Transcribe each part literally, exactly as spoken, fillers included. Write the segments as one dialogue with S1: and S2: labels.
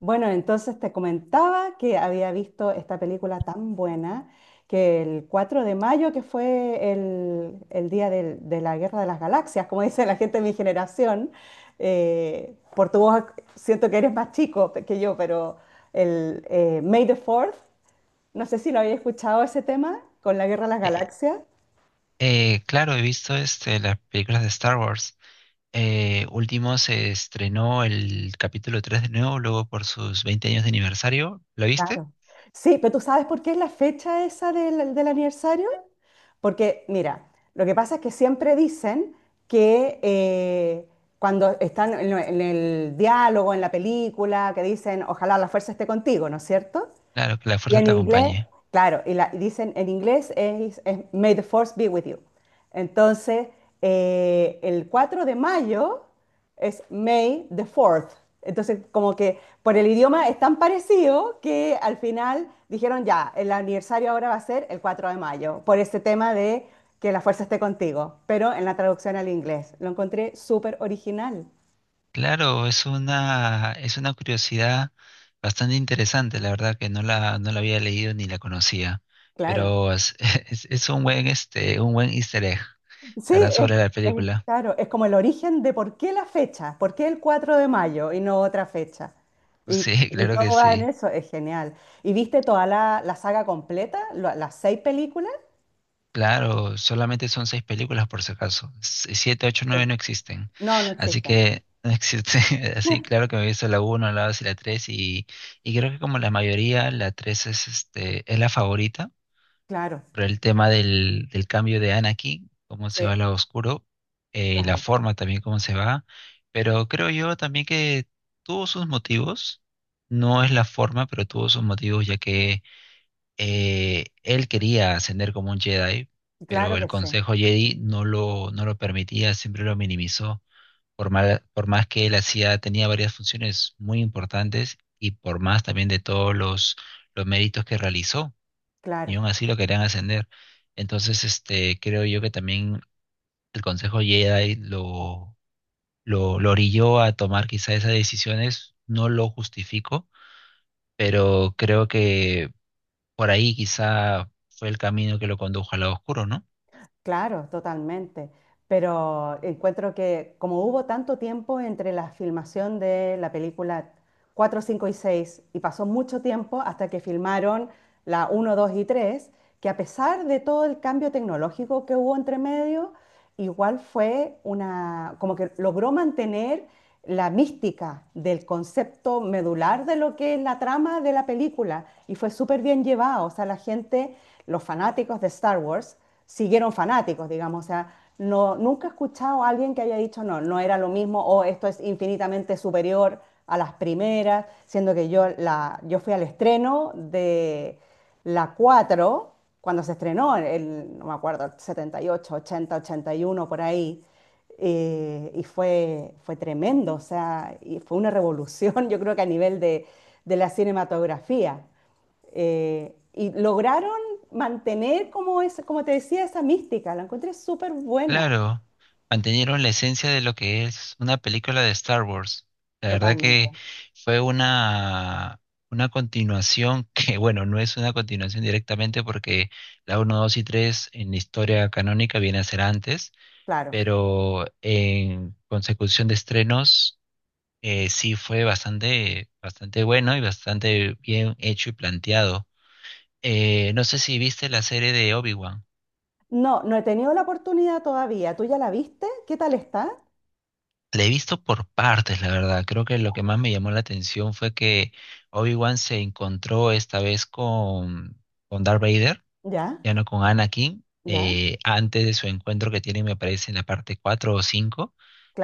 S1: Bueno, entonces te comentaba que había visto esta película tan buena que el cuatro de mayo, que fue el, el día del- de la Guerra de las Galaxias, como dice la gente de mi generación. Eh, por tu voz siento que eres más chico pe- que yo. Pero el eh, May the Fourth, no sé si lo había escuchado ese tema con la Guerra de las
S2: Eh,
S1: Galaxias.
S2: eh, claro, he visto este, las películas de Star Wars. Eh, último se estrenó el capítulo tres de nuevo, luego por sus veinte años de aniversario. ¿Lo viste?
S1: Claro. Sí, pero ¿tú sabes por qué es la fecha esa del, del aniversario? Porque, mira, lo que pasa es que siempre dicen que eh, cuando están en, lo- en el diálogo, en la película, que dicen, ojalá la fuerza esté contigo, ¿no es cierto?
S2: Claro, que la
S1: Y
S2: fuerza
S1: en
S2: te
S1: inglés,
S2: acompañe.
S1: claro, y, la- y dicen en inglés es, es May the Force be with you. Entonces, eh, el cuatro de mayo es May the Fourth. Entonces, como que por el idioma es tan parecido que al final dijeron ya, el aniversario ahora va a ser el cuatro de mayo, por este tema de que la fuerza esté contigo, pero en la traducción al inglés. Lo encontré súper original,
S2: Claro, es una, es una curiosidad bastante interesante, la verdad que no la, no la había leído ni la conocía,
S1: claro.
S2: pero es, es, es un buen, este, un buen easter egg,
S1: Sí,
S2: la verdad,
S1: es,
S2: sobre la
S1: es-
S2: película.
S1: claro, es como el origen de por qué la fecha, por qué el cuatro de mayo y no otra fecha.
S2: Sí,
S1: Y, y
S2: claro que
S1: todo va en
S2: sí.
S1: eso, es genial. ¿Y viste toda la, la saga completa, lo- las seis películas?
S2: Claro, solamente son seis películas por si acaso. S- Siete, ocho,
S1: Sí.
S2: nueve no existen.
S1: No, no
S2: Así
S1: existen.
S2: que no existe. Así, claro que me he visto la uno, la dos y la tres. Y, y creo que como la mayoría, la tres es, este, es la favorita.
S1: Claro,
S2: Por el tema del, del cambio de Anakin, cómo se va
S1: sí,
S2: al lado oscuro, eh, y la
S1: claro,
S2: forma también cómo se va. Pero creo yo también que tuvo sus motivos. No es la forma, pero tuvo sus motivos, ya que eh, él quería ascender como un Jedi, pero
S1: claro
S2: el
S1: que sí,
S2: Consejo Jedi no lo, no lo permitía, siempre lo minimizó. Por mal- por más que él hacía, tenía varias funciones muy importantes y por más también de todos los, los méritos que realizó, y
S1: claro.
S2: aún así lo querían ascender. Entonces, este, creo yo que también el Consejo Jedi lo, lo, lo orilló a tomar quizá esas decisiones. No lo justifico, pero creo que por ahí quizá fue el camino que lo condujo al lado oscuro, ¿no?
S1: Claro, totalmente. Pero encuentro que como hubo tanto tiempo entre la filmación de la película cuatro, cinco y seis y pasó mucho tiempo hasta que filmaron la uno, dos y tres, que a pesar de todo el cambio tecnológico que hubo entre medio, igual fue una, como que logró mantener la mística del concepto medular de lo que es la trama de la película y fue súper bien llevado. O sea, la gente, los fanáticos de Star Wars siguieron fanáticos, digamos. O sea, no, nunca he escuchado a alguien que haya dicho no, no era lo mismo o esto es infinitamente superior a las primeras, siendo que yo, la, yo fui al estreno de la cuatro cuando se estrenó, el, no me acuerdo, setenta y ocho, ochenta, ochenta y uno, por ahí, eh, y fue, fue tremendo, o sea, y fue una revolución, yo creo que a nivel de, de la cinematografía. Eh, y lograron mantener, como, es, como te decía, esa mística. La encontré súper buena.
S2: Claro, mantenieron la esencia de lo que es una película de Star Wars. La verdad que
S1: Totalmente.
S2: fue una, una continuación que, bueno, no es una continuación directamente porque la uno dos y tres en la historia canónica viene a ser antes,
S1: Claro.
S2: pero en consecución de estrenos eh, sí fue bastante, bastante bueno y bastante bien hecho y planteado. Eh, no sé si viste la serie de Obi-Wan.
S1: No, no he tenido la oportunidad todavía. ¿Tú ya la viste? ¿Qué tal está?
S2: La he visto por partes, la verdad. Creo que lo que más me llamó la atención fue que Obi-Wan se encontró esta vez con, con Darth Vader,
S1: Ya,
S2: ya no con Anakin,
S1: ya,
S2: eh, antes de su encuentro que tienen, me parece, en la parte cuatro o cinco,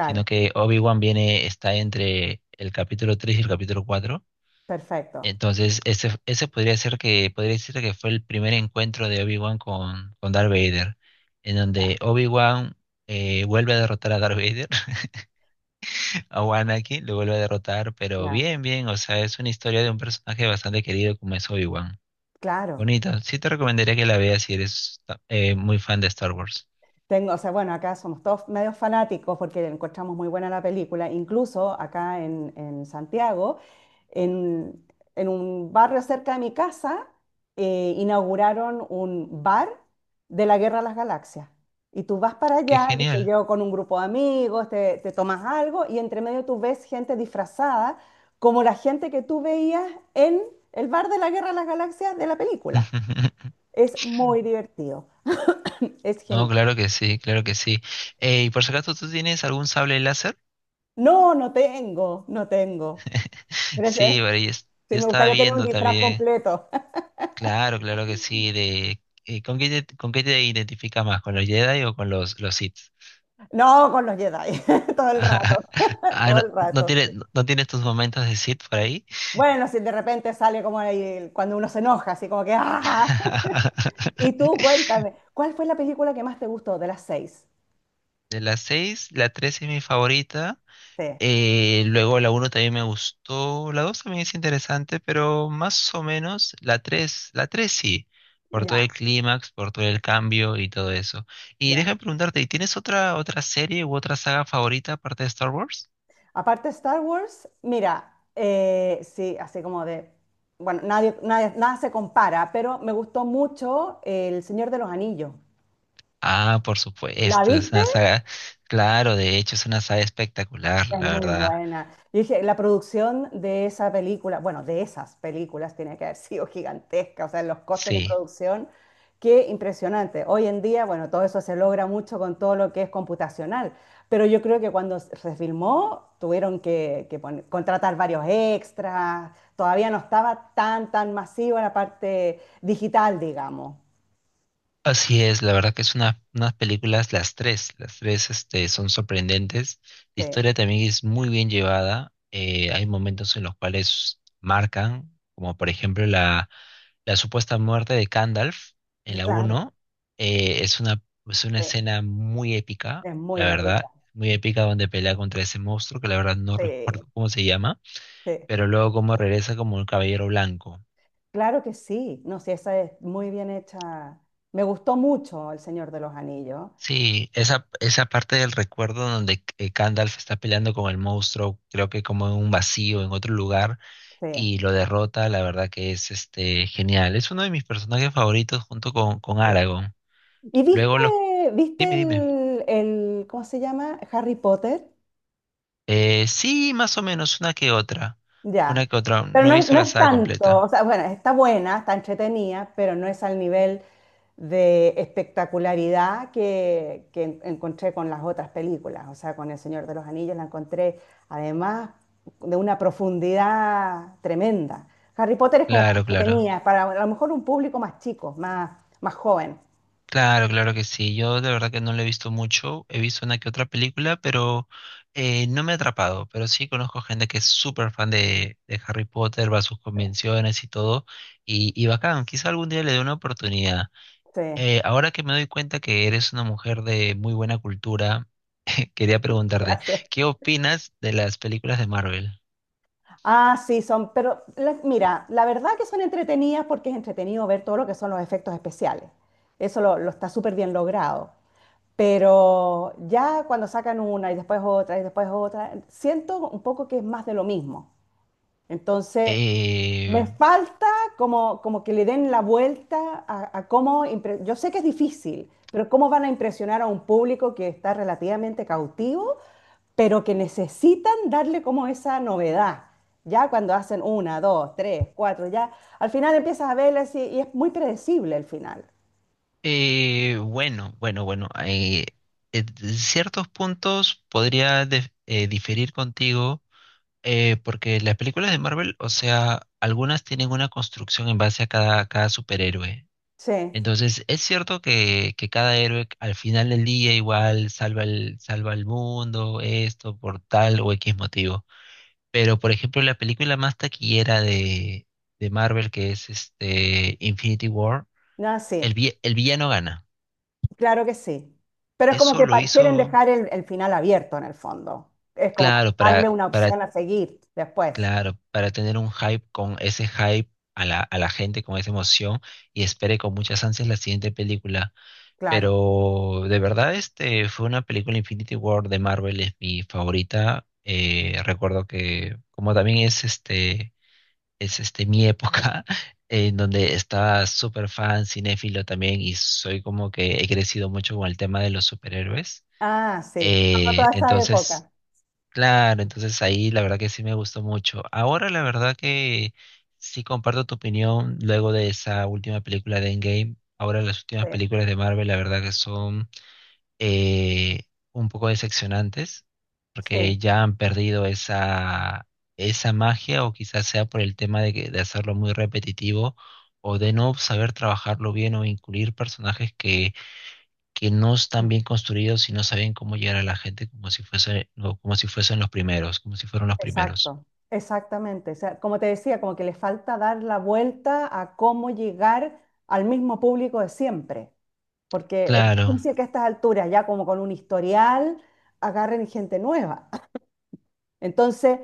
S2: sino que Obi-Wan viene, está entre el capítulo tres y el capítulo cuatro.
S1: Perfecto.
S2: Entonces, ese, ese podría ser que, podría decirte que fue el primer encuentro de Obi-Wan con, con Darth Vader, en donde
S1: Ya,
S2: Obi-Wan eh, vuelve a derrotar a Darth Vader, a Anakin lo vuelve a derrotar, pero
S1: ya.
S2: bien, bien, o sea, es una historia de un personaje bastante querido como es Obi-Wan.
S1: Claro.
S2: Bonito, sí te recomendaría que la veas si eres eh, muy fan de Star Wars.
S1: Tengo, o sea, bueno, acá somos todos medios fanáticos porque encontramos muy buena la película. Incluso acá en, en Santiago, en, en un barrio cerca de mi casa, eh, inauguraron un bar de la Guerra de las Galaxias. Y tú vas para
S2: ¡Qué
S1: allá, qué sé
S2: genial!
S1: yo, con un grupo de amigos, te, te tomas algo y entre medio tú ves gente disfrazada como la gente que tú veías en el bar de la Guerra de las Galaxias de la película. Es muy divertido, es
S2: No,
S1: genial.
S2: claro que sí, claro que sí. Eh, ¿y por si acaso tú tienes algún sable láser?
S1: No, no tengo, no tengo. Pero
S2: Sí,
S1: ese-
S2: pero yo, es-
S1: sí,
S2: yo
S1: me
S2: estaba
S1: gustaría tener un
S2: viendo
S1: disfraz
S2: también.
S1: completo.
S2: Claro, claro que sí. De, eh, ¿con qué te, con qué te identificas más? ¿Con los Jedi o con los, los Sith?
S1: No, con los Jedi, todo el rato,
S2: Ah,
S1: todo
S2: no,
S1: el
S2: no
S1: rato. Sí.
S2: tienes, no tienes tus momentos de Sith por ahí.
S1: Bueno, si de repente sale como ahí, cuando uno se enoja, así como que ¡ah! Ja, ja". Y tú, cuéntame, ¿cuál fue la película que más te gustó de las seis?
S2: De las seis, la tres es mi favorita.
S1: Sí,
S2: Eh, luego la uno también me gustó. La dos también es interesante, pero más o menos la tres, la tres sí. Por todo el
S1: ya,
S2: clímax, por todo el cambio y todo eso. Y
S1: ya.
S2: déjame preguntarte, ¿y tienes otra, otra serie u otra saga favorita aparte de Star Wars?
S1: Aparte de Star Wars, mira, eh, sí, así como de, bueno, nadie, nadie- nada se compara, pero me gustó mucho El Señor de los Anillos.
S2: Ah, por
S1: ¿La
S2: supuesto, es
S1: viste?
S2: una saga, claro, de hecho es una saga espectacular,
S1: Es
S2: la
S1: muy
S2: verdad,
S1: buena. Yo dije, la producción de esa película, bueno, de esas películas tiene que haber sido gigantesca, o sea, los costos de
S2: sí,
S1: producción, qué impresionante. Hoy en día, bueno, todo eso se logra mucho con todo lo que es computacional, pero yo creo que cuando se filmó tuvieron que, que pon- contratar varios extras, todavía no estaba tan, tan masiva la parte digital, digamos.
S2: así es, la verdad que es una, unas películas, las tres, las tres este, son sorprendentes, la
S1: Sí,
S2: historia también es muy bien llevada, eh, hay momentos en los cuales marcan, como por ejemplo la, la supuesta muerte de Gandalf en la
S1: claro,
S2: uno, eh, es una, es una
S1: sí,
S2: escena muy épica,
S1: es muy
S2: la verdad,
S1: épica.
S2: muy épica donde pelea contra ese monstruo que la verdad no
S1: Sí,
S2: recuerdo cómo se llama,
S1: sí.
S2: pero luego como regresa como un caballero blanco.
S1: Claro que sí, no, sí, esa es muy bien hecha. Me gustó mucho El Señor de los Anillos.
S2: Sí, esa, esa parte del recuerdo donde eh, Gandalf está peleando con el monstruo, creo que como en un vacío, en otro lugar,
S1: Sí,
S2: y lo derrota, la verdad que es este genial. Es uno de mis personajes favoritos junto con, con
S1: sí.
S2: Aragorn.
S1: ¿Y viste,
S2: Luego los...
S1: viste
S2: Dime, dime.
S1: el, el, ¿cómo se llama? Harry Potter.
S2: Eh, sí, más o menos, una que otra. Una
S1: Ya.
S2: que otra.
S1: Pero
S2: No he
S1: no, es-
S2: visto
S1: no
S2: la
S1: es
S2: saga
S1: tanto, o
S2: completa.
S1: sea, bueno, está buena, está entretenida, pero no es al nivel de espectacularidad que, que en- encontré con las otras películas. O sea, con El Señor de los Anillos la encontré, además, de una profundidad tremenda. Harry Potter es como más
S2: Claro, claro.
S1: entretenida, para a lo mejor un público más chico, más, más joven.
S2: Claro, claro que sí. Yo de verdad que no lo he visto mucho. He visto una que otra película, pero eh, no me ha atrapado. Pero sí conozco gente que es súper fan de, de Harry Potter, va a sus
S1: Sí,
S2: convenciones y todo. Y, y bacán, quizá algún día le dé una oportunidad.
S1: sí,
S2: Eh, ahora que me doy cuenta que eres una mujer de muy buena cultura, eh, quería preguntarte,
S1: gracias.
S2: ¿qué opinas de las películas de Marvel?
S1: Ah, sí, son, pero la- mira, la verdad que son entretenidas porque es entretenido ver todo lo que son los efectos especiales. Eso lo, lo está súper bien logrado. Pero ya cuando sacan una y después otra y después otra, siento un poco que es más de lo mismo. Entonces,
S2: Eh,
S1: me falta como, como que le den la vuelta a, a cómo, impre- yo sé que es difícil, pero cómo van a impresionar a un público que está relativamente cautivo, pero que necesitan darle como esa novedad. Ya cuando hacen una, dos, tres, cuatro, ya al final empiezas a verlas y, y es muy predecible el final.
S2: Eh, bueno, bueno, bueno. eh, en ciertos puntos podría def- eh, diferir contigo, eh, porque las películas de Marvel, o sea, algunas tienen una construcción en base a cada, cada superhéroe.
S1: Sí,
S2: Entonces, es cierto que, que cada héroe al final del día igual salva el, salva el mundo, esto, por tal o equis motivo. Pero, por ejemplo, la película más taquillera de, de Marvel, que es este Infinity War,
S1: no,
S2: el,
S1: sí,
S2: vi- el villano gana.
S1: claro que sí. Pero es como
S2: Eso
S1: que
S2: lo
S1: pa- quieren
S2: hizo,
S1: dejar el, el final abierto en el fondo. Es como para
S2: claro,
S1: darle
S2: para,
S1: una
S2: para,
S1: opción a seguir después.
S2: claro, para tener un hype con ese hype a la, a la gente, con esa emoción, y espere con muchas ansias la siguiente película.
S1: Claro.
S2: Pero de verdad, este fue una película Infinity War de Marvel, es mi favorita. Eh, recuerdo que, como también es este, es este mi época, en donde estaba súper fan, cinéfilo también, y soy como que he crecido mucho con el tema de los superhéroes.
S1: Ah, sí, tocó
S2: Eh,
S1: toda esa
S2: entonces
S1: época.
S2: Claro, entonces ahí la verdad que sí me gustó mucho. Ahora la verdad que sí comparto tu opinión luego de esa última película de Endgame. Ahora las
S1: Sí,
S2: últimas películas de Marvel la verdad que son eh, un poco decepcionantes
S1: sí,
S2: porque ya han perdido esa, esa magia, o quizás sea por el tema de, que- de hacerlo muy repetitivo, o de no saber trabajarlo bien, o incluir personajes que que no están
S1: mm,
S2: bien construidos y no saben cómo llegar a la gente como si fuese, no, como si fuesen los primeros, como si fueron los primeros.
S1: exacto, exactamente. O sea, como te decía, como que le falta dar la vuelta a cómo llegar al mismo público de siempre, porque es
S2: Claro,
S1: difícil que a estas alturas, ya como con un historial, agarren gente nueva. Entonces,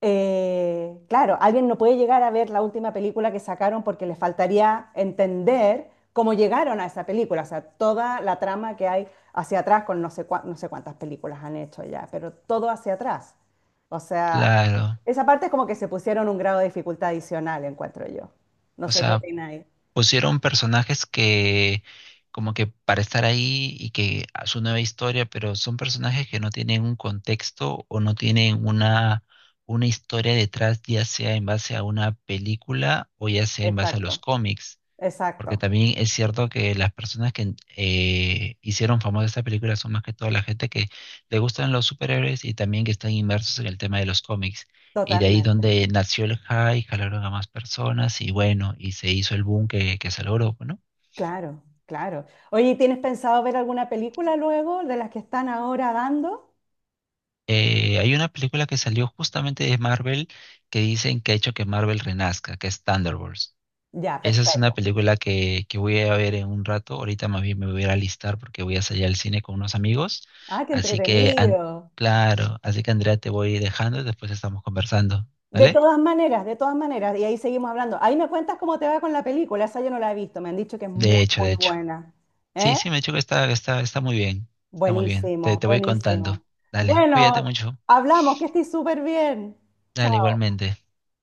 S1: eh, claro, alguien no puede llegar a ver la última película que sacaron porque le faltaría entender cómo llegaron a esa película, o sea, toda la trama que hay hacia atrás con no sé, cua- no sé cuántas películas han hecho ya, pero todo hacia atrás. O sea,
S2: claro.
S1: esa parte es como que se pusieron un grado de dificultad adicional, encuentro yo. No
S2: O
S1: sé qué
S2: sea,
S1: opináis.
S2: pusieron personajes que como que para estar ahí y que a su nueva historia, pero son personajes que no tienen un contexto o no tienen una, una historia detrás, ya sea en base a una película o ya sea en base a los
S1: Exacto,
S2: cómics. Porque
S1: exacto,
S2: también es cierto que las personas que eh, hicieron famosa esta película son más que todo la gente que le gustan los superhéroes y también que están inmersos en el tema de los cómics. Y de ahí
S1: totalmente.
S2: donde nació el hype, jalaron a más personas y bueno, y se hizo el boom que, que se logró, ¿no?
S1: Claro, claro. Oye, ¿tienes pensado ver alguna película luego de las que están ahora dando?
S2: Eh, hay una película que salió justamente de Marvel que dicen que ha hecho que Marvel renazca, que es Thunderbolts.
S1: Ya,
S2: Esa es una
S1: perfecto.
S2: película que, que voy a ver en un rato. Ahorita más bien me voy a ir a alistar porque voy a salir al cine con unos amigos.
S1: Ah, qué
S2: Así que, an-
S1: entretenido.
S2: claro, así que Andrea te voy dejando y después estamos conversando,
S1: De ahí.
S2: ¿vale?
S1: Todas maneras, de todas maneras, y ahí seguimos hablando. Ahí me cuentas cómo te va con la película, esa yo no la he visto, me han dicho que es muy,
S2: De hecho, de
S1: muy
S2: hecho.
S1: buena. ¿Eh?
S2: Sí, sí, me he dicho que está, está, está muy bien. Está muy bien. Te,
S1: Buenísimo,
S2: te voy contando.
S1: buenísimo.
S2: Dale, cuídate
S1: Bueno,
S2: mucho.
S1: hablamos, que estoy súper bien.
S2: Dale,
S1: Chao.
S2: igualmente.